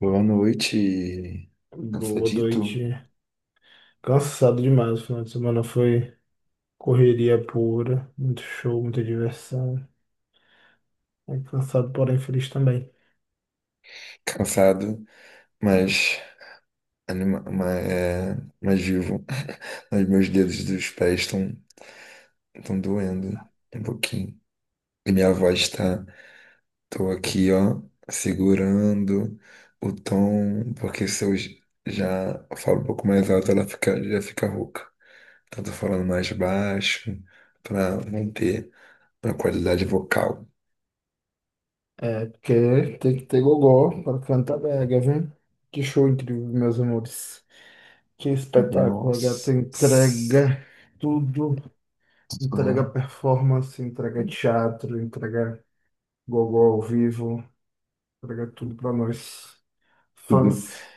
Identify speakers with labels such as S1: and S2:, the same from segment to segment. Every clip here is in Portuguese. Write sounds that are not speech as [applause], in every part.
S1: Boa noite,
S2: Boa
S1: cansadito,
S2: noite. Cansado demais. O final de semana foi correria pura, muito show, muita diversão. É cansado, porém feliz também.
S1: cansado, mas, anima ma- é, mas vivo. [laughs] Mas meus dedos dos pés estão doendo um pouquinho. E minha voz está, tô aqui, ó, segurando o tom, porque se eu j- já falo um pouco mais alto, ela fica, já fica rouca. Então tô falando mais baixo para manter a qualidade vocal.
S2: É, porque tem que ter gogó para cantar brega, viu? Que show incrível, meus amores. Que espetáculo, a gata
S1: Nossa,
S2: entrega tudo, entrega
S1: surreal.
S2: performance, entrega teatro, entrega gogó ao vivo, entrega tudo para nós, fãs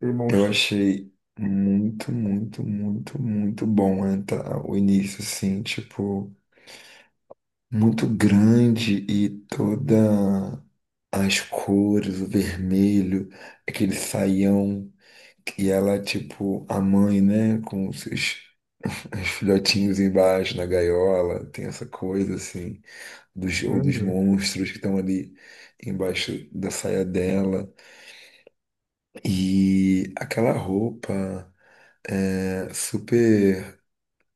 S2: e
S1: Eu
S2: monstros.
S1: achei muito, muito, muito, muito bom, né, tá? O início, assim, tipo, muito grande e toda as cores, o vermelho, aquele saião, e ela, tipo, a mãe, né, com os filhotinhos embaixo na gaiola, tem essa coisa, assim, dos, ou dos
S2: Uhum.
S1: monstros que estão ali embaixo da saia dela, e aquela roupa. É, super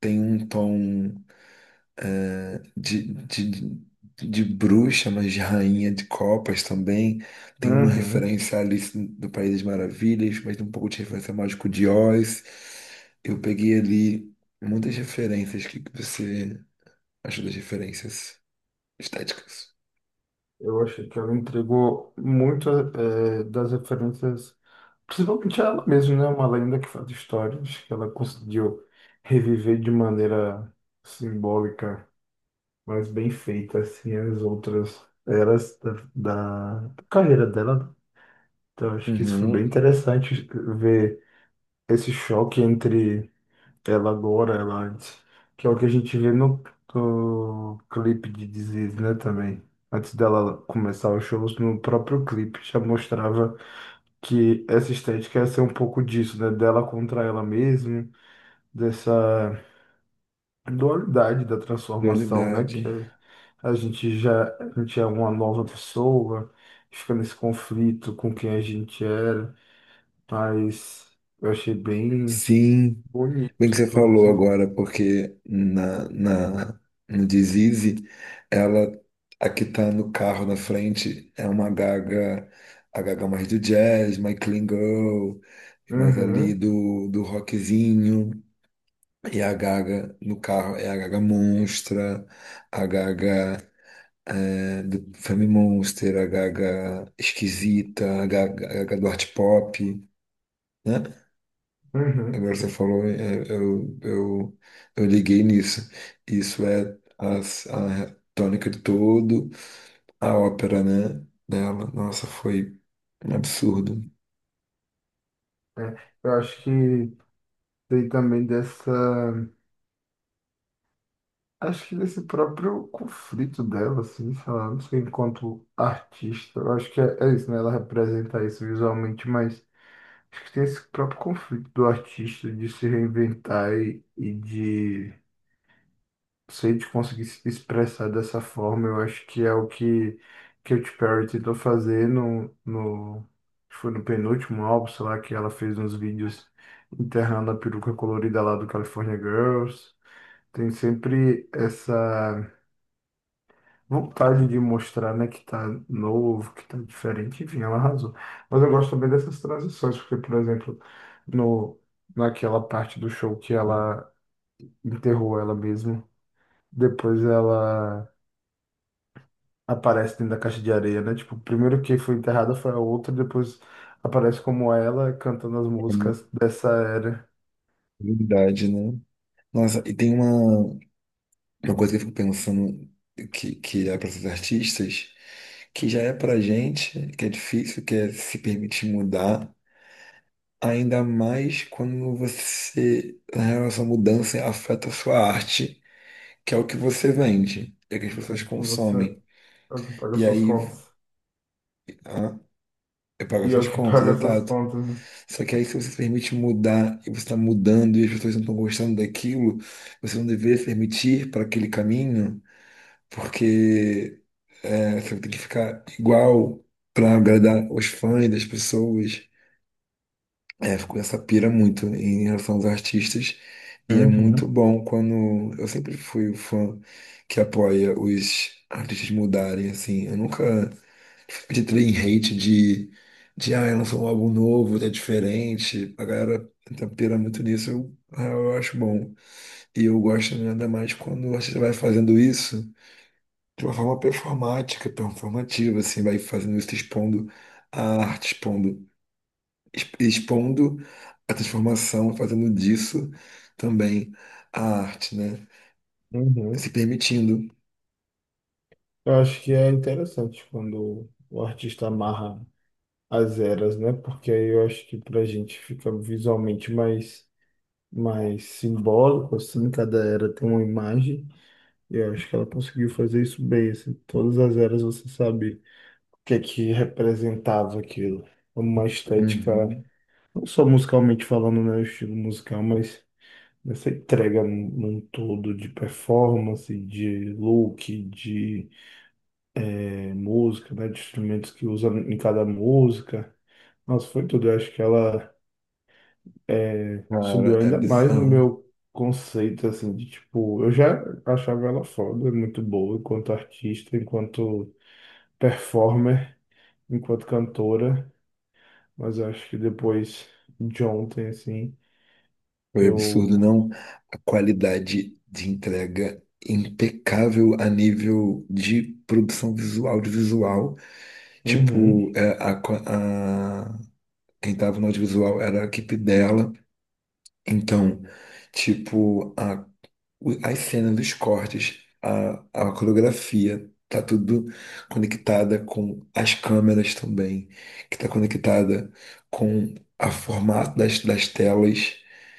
S1: tem um tom de, de, de bruxa, mas de rainha de copas também. Tem uma
S2: Uhum.
S1: referência a Alice do País das Maravilhas, mas tem um pouco de referência ao Mágico de Oz. Eu peguei ali muitas referências. O que que você achou das referências estéticas?
S2: Eu achei que ela entregou muito das referências, principalmente ela mesma, né? Uma lenda que faz histórias, que ela conseguiu reviver de maneira simbólica, mas bem feita, assim, as outras eras da carreira dela. Então, acho que isso foi
S1: Uhum,
S2: bem interessante ver esse choque entre ela agora, ela antes. Que é o que a gente vê no clipe de Disease, né, também. Antes dela começar os shows, no próprio clipe já mostrava que essa estética ia ser um pouco disso, né? Dela contra ela mesma, dessa dualidade da transformação, né? Que
S1: dualidade.
S2: a gente já, a gente é uma nova pessoa, fica nesse conflito com quem a gente era, mas eu achei bem
S1: Sim. Bem que
S2: bonito
S1: você
S2: todo
S1: falou
S2: esse...
S1: agora, porque no Disease, ela, a que tá no carro na frente, é uma Gaga, a Gaga mais do jazz, mais clean girl, mais ali
S2: Uhum,
S1: do rockzinho. E a Gaga no carro é a Gaga monstra, a Gaga é, do Family Monster, a Gaga esquisita, a Gaga do art pop, né?
S2: uhum.
S1: Agora você falou, é, eu, eu, eu liguei nisso. Isso é a tônica de todo a ópera, né? Dela. Nossa, foi um absurdo.
S2: né? Eu acho que tem também dessa. Acho que desse próprio conflito dela, assim, sei lá, não sei, enquanto artista. Eu acho que é isso, né? Ela representa isso visualmente, mas acho que tem esse próprio conflito do artista de se reinventar e de. Se a gente conseguir se expressar dessa forma, eu acho que é o que Katy Perry tentou fazer no, acho que foi no penúltimo álbum, sei lá, que ela fez uns vídeos enterrando a peruca colorida lá do California Girls. Tem sempre essa vontade de mostrar, né, que tá novo, que tá diferente, enfim, ela arrasou. Mas eu gosto também dessas transições, porque, por exemplo, no, naquela parte do show que ela enterrou ela mesma, depois ela aparece dentro da caixa de areia, né? Tipo, primeiro que foi enterrada foi a outra, depois aparece como ela cantando as
S1: É uma
S2: músicas dessa era.
S1: unidade, né? Nossa, e tem uma coisa que eu fico pensando que é para esses artistas, que já é pra gente, que é difícil, que é se permitir mudar, ainda mais quando você, na real, essa mudança afeta a sua arte, que é o que você vende, é que as
S2: É,
S1: pessoas
S2: então Você
S1: consomem.
S2: é o que paga
S1: E
S2: suas
S1: aí
S2: contas.
S1: ah, eu pago
S2: E é o
S1: essas
S2: que [laughs]
S1: contas, é
S2: paga suas
S1: tato.
S2: contas, né?
S1: Só que aí, se você se permite mudar e você está mudando e as pessoas não estão gostando daquilo, você não deveria se permitir para aquele caminho, porque é, você tem que ficar igual para agradar os fãs das pessoas. É, fico essa pira muito em relação aos artistas. E é muito
S2: Uhum,
S1: bom quando. Eu sempre fui o fã que apoia os artistas mudarem, assim. Eu nunca de também hate lançou um álbum novo, tá diferente. A galera tenta pirar muito nisso, eu, ah, eu acho bom. E eu gosto ainda mais quando você vai fazendo isso de uma forma performática, performativa, assim, vai fazendo isso, expondo a arte, expondo a transformação, fazendo disso também a arte, né?
S2: uhum.
S1: Se permitindo.
S2: Eu acho que é interessante quando o artista amarra as eras, né? Porque aí eu acho que pra gente fica visualmente mais, mais simbólico, assim, cada era tem uma imagem. E eu acho que ela conseguiu fazer isso bem, assim, todas as eras você sabe. Que é que representava aquilo. Uma estética,
S1: Uhum.
S2: não só musicalmente falando, né, o estilo musical, mas essa entrega num todo de performance, de look, de música, né, de instrumentos que usa em cada música. Nossa, foi tudo. Eu acho que ela eh, subiu
S1: Cara, é
S2: ainda mais no
S1: bizarro.
S2: meu conceito, assim, de tipo, eu já achava ela foda, muito boa enquanto artista, enquanto performer, enquanto cantora. Mas eu acho que depois de ontem, assim,
S1: Foi absurdo,
S2: eu.
S1: não. A qualidade de entrega impecável a nível de produção visual, audiovisual.
S2: Uhum.
S1: Tipo, quem estava no audiovisual era a equipe dela. Então, tipo, as cenas dos cortes, a coreografia, tá tudo conectada com as câmeras também, que tá conectada com a formato das, das telas,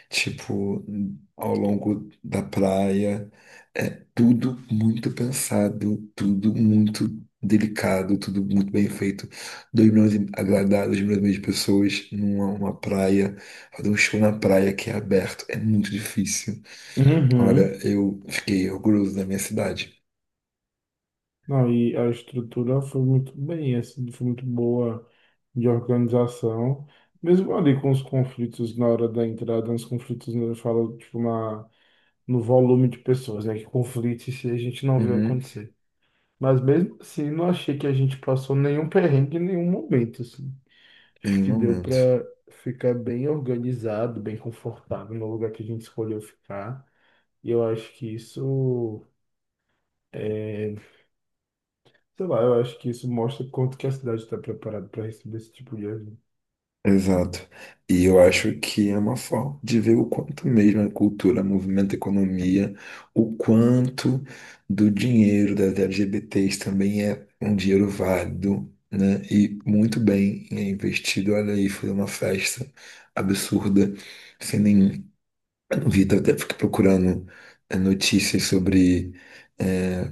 S1: tipo, ao longo da praia. É tudo muito pensado, tudo muito delicado, tudo muito bem feito. Dois milhões e agradar 2,5 milhões de pessoas numa uma praia, fazer um show na praia que é aberto, é muito difícil. Olha,
S2: Uhum.
S1: eu fiquei orgulhoso da minha cidade.
S2: Não, e a estrutura foi muito bem, assim, foi muito boa de organização. Mesmo ali com os conflitos na hora da entrada, os conflitos, né, eu falo, tipo, na, no volume de pessoas, né? Que conflitos se a gente não vê
S1: Uhum.
S2: acontecer. Mas mesmo assim, não achei que a gente passou nenhum perrengue em nenhum momento, assim. Acho
S1: Em um
S2: que deu
S1: momento.
S2: para ficar bem organizado, bem confortável no lugar que a gente escolheu ficar. E eu acho que isso é, sei lá, eu acho que isso mostra quanto que a cidade está preparada para receber esse tipo de ajuda.
S1: Exato. E eu acho que é uma forma de ver o quanto mesmo a cultura, movimento, economia, o quanto do dinheiro das LGBTs também é um dinheiro válido, né? E muito bem é investido. Olha aí, foi uma festa absurda, sem nenhum. Eu não vi, até fiquei procurando notícias sobre eh,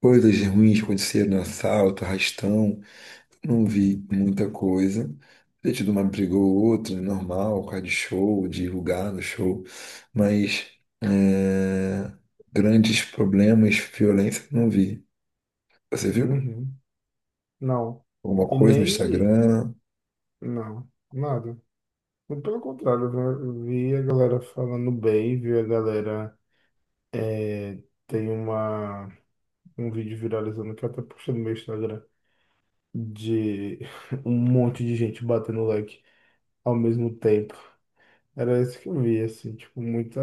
S1: coisas ruins que aconteceram, assalto, arrastão. Não vi muita coisa. Ter tido uma briga ou outra, é normal, por causa de show, de lugar no show, mas é, grandes problemas, violência, não vi. Você viu?
S2: Uhum. Não.
S1: Alguma
S2: E
S1: coisa no
S2: nem
S1: Instagram,
S2: não, nada. Muito Pelo contrário, eu vi a galera falando bem, vi a galera é, tem uma um vídeo viralizando que eu até puxei no meu Instagram de [laughs] um monte de gente batendo like ao mesmo tempo. Era isso que eu vi, assim, tipo, muita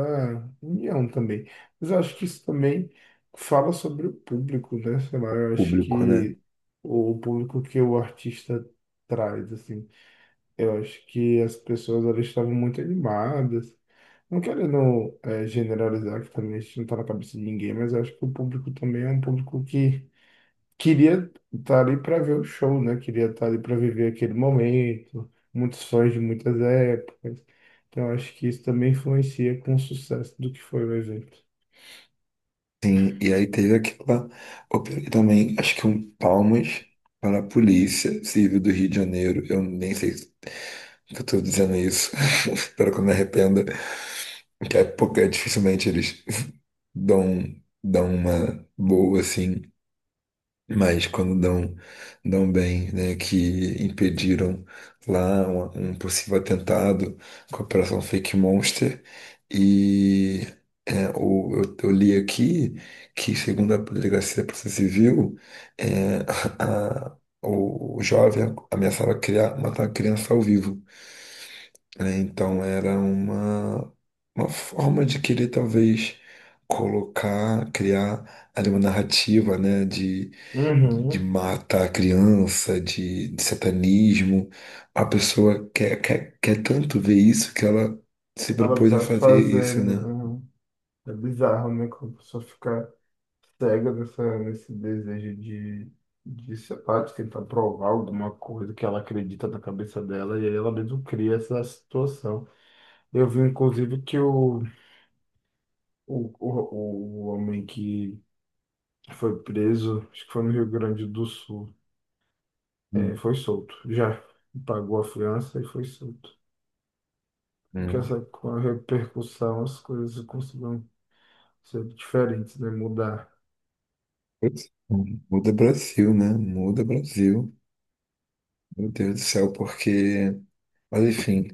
S2: união também. Mas eu acho que isso também fala sobre o público, né? Sei lá, eu acho
S1: público, né?
S2: que o público que o artista traz, assim, eu acho que as pessoas elas estavam muito animadas. Não querendo generalizar, que também isso não tá na cabeça de ninguém, mas eu acho que o público também é um público que queria estar ali para ver o show, né? Queria estar ali para viver aquele momento, muitos sonhos de muitas épocas. Então, acho que isso também influencia com o sucesso do que foi o evento.
S1: Sim, e aí teve aquela. Eu peguei também, acho que um palmas para a Polícia Civil do Rio de Janeiro. Eu nem sei se eu estou dizendo isso, [laughs] espero que eu me arrependa, que é porque dificilmente eles dão, dão uma boa, assim, mas quando dão, dão bem, né, que impediram lá um possível atentado com a Operação Fake Monster e é, eu li aqui que, segundo a Delegacia da Polícia Civil, é, [laughs] a- a- o jovem ameaçava criar, matar a criança ao vivo, né? Então era uma forma de querer talvez colocar, criar ali uma narrativa, né? De
S2: Uhum.
S1: matar a criança, de satanismo. A pessoa quer tanto ver isso que ela se
S2: Ela
S1: propôs a
S2: vai
S1: fazer isso, né?
S2: fazendo. É bizarro, né? Como a pessoa fica cega nessa, nesse desejo de, sei lá, de tentar provar alguma coisa que ela acredita na cabeça dela, e aí ela mesmo cria essa situação. Eu vi, inclusive, que o homem que Foi preso, acho que foi no Rio Grande do Sul. É, foi solto, já. Pagou a fiança e foi solto. Porque
S1: Hum.
S2: essa com a repercussão, as coisas conseguiram ser diferentes, né? Mudar.
S1: Putz, muda Brasil, né? Muda Brasil. Meu Deus do céu, porque. Mas enfim.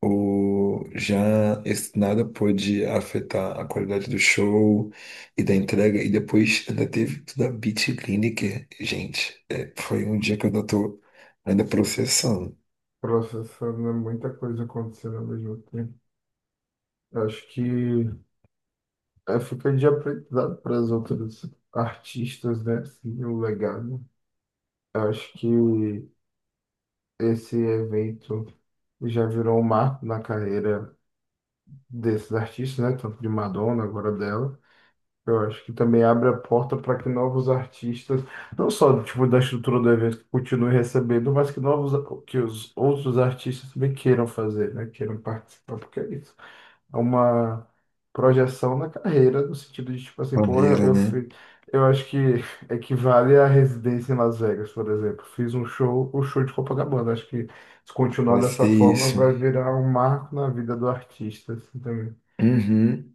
S1: O, já esse nada pôde afetar a qualidade do show e da entrega, e depois ainda teve tudo a beat Bitliniker. Gente, é, foi um dia que eu ainda tô ainda processando.
S2: Processando né? muita coisa acontecendo ao mesmo tempo. Acho que é, fica de aprendizado para as outras artistas, né? Assim, o legado. Acho que esse evento já virou um marco na carreira desses artistas, né? Tanto de Madonna, agora dela. Eu acho que também abre a porta para que novos artistas, não só tipo da estrutura do evento, continuem recebendo, mas que novos, que os outros artistas também queiram fazer, né? Queiram participar, porque é isso. É uma projeção na carreira, no sentido de tipo assim, pô,
S1: Barreira,
S2: eu
S1: né?
S2: fiz, eu acho que equivale à residência em Las Vegas, por exemplo. Fiz um show, o show de Copacabana. Acho que se continuar
S1: Vai ser
S2: dessa forma,
S1: isso.
S2: vai virar um marco na vida do artista, assim, também.
S1: Uhum.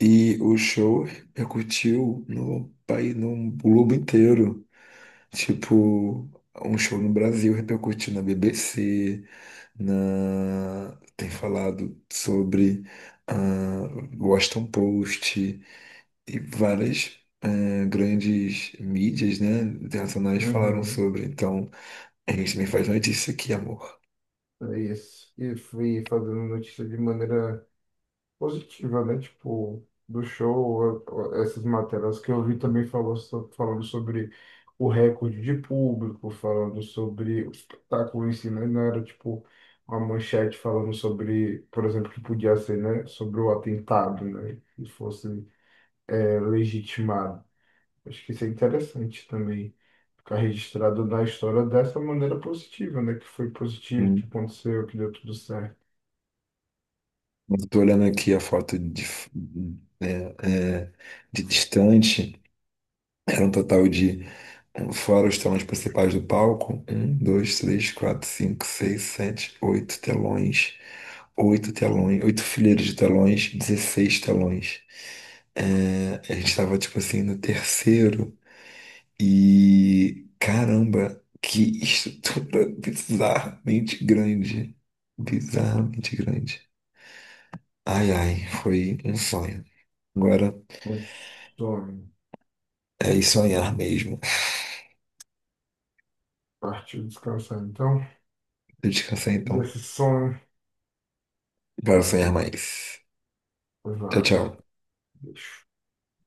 S1: E o show repercutiu no país, no globo inteiro. Tipo, um show no Brasil repercutiu na BBC, na... tem falado sobre ah, Washington Post e várias ah, grandes mídias, né, internacionais falaram
S2: Uhum.
S1: sobre. Então, a gente também faz notícia aqui, amor.
S2: É isso. E fui fazendo notícia de maneira positiva, né? Tipo, do show, essas matérias que eu vi também falou, falando sobre o recorde de público, falando sobre o espetáculo em si, né? Não era tipo uma manchete falando sobre, por exemplo, que podia ser, né? Sobre o atentado, né? Que fosse é, legitimado. Acho que isso é interessante também. Ficar registrado na história dessa maneira positiva, né? Que foi positivo, que
S1: Sim.
S2: aconteceu, que deu tudo certo.
S1: Eu tô olhando aqui a foto de, né, é, de distante. Era um total de, eh, fora os telões principais do palco, 1, 2, 3, 4, 5, 6, 7, 8 telões, 8 telões, 8 fileiras de telões, 16 telões. Eh, a gente estava, tipo assim, no terceiro e, caramba, que estrutura [laughs] bizarramente grande. Bizarramente grande. Ai, ai, foi um sonho. Agora
S2: Um sonho.
S1: é ir sonhar mesmo.
S2: Partiu descansar, então.
S1: [laughs] Eu descansei então,
S2: Desse sonho,
S1: para sonhar mais. Tchau, tchau.
S2: vale. Bicho.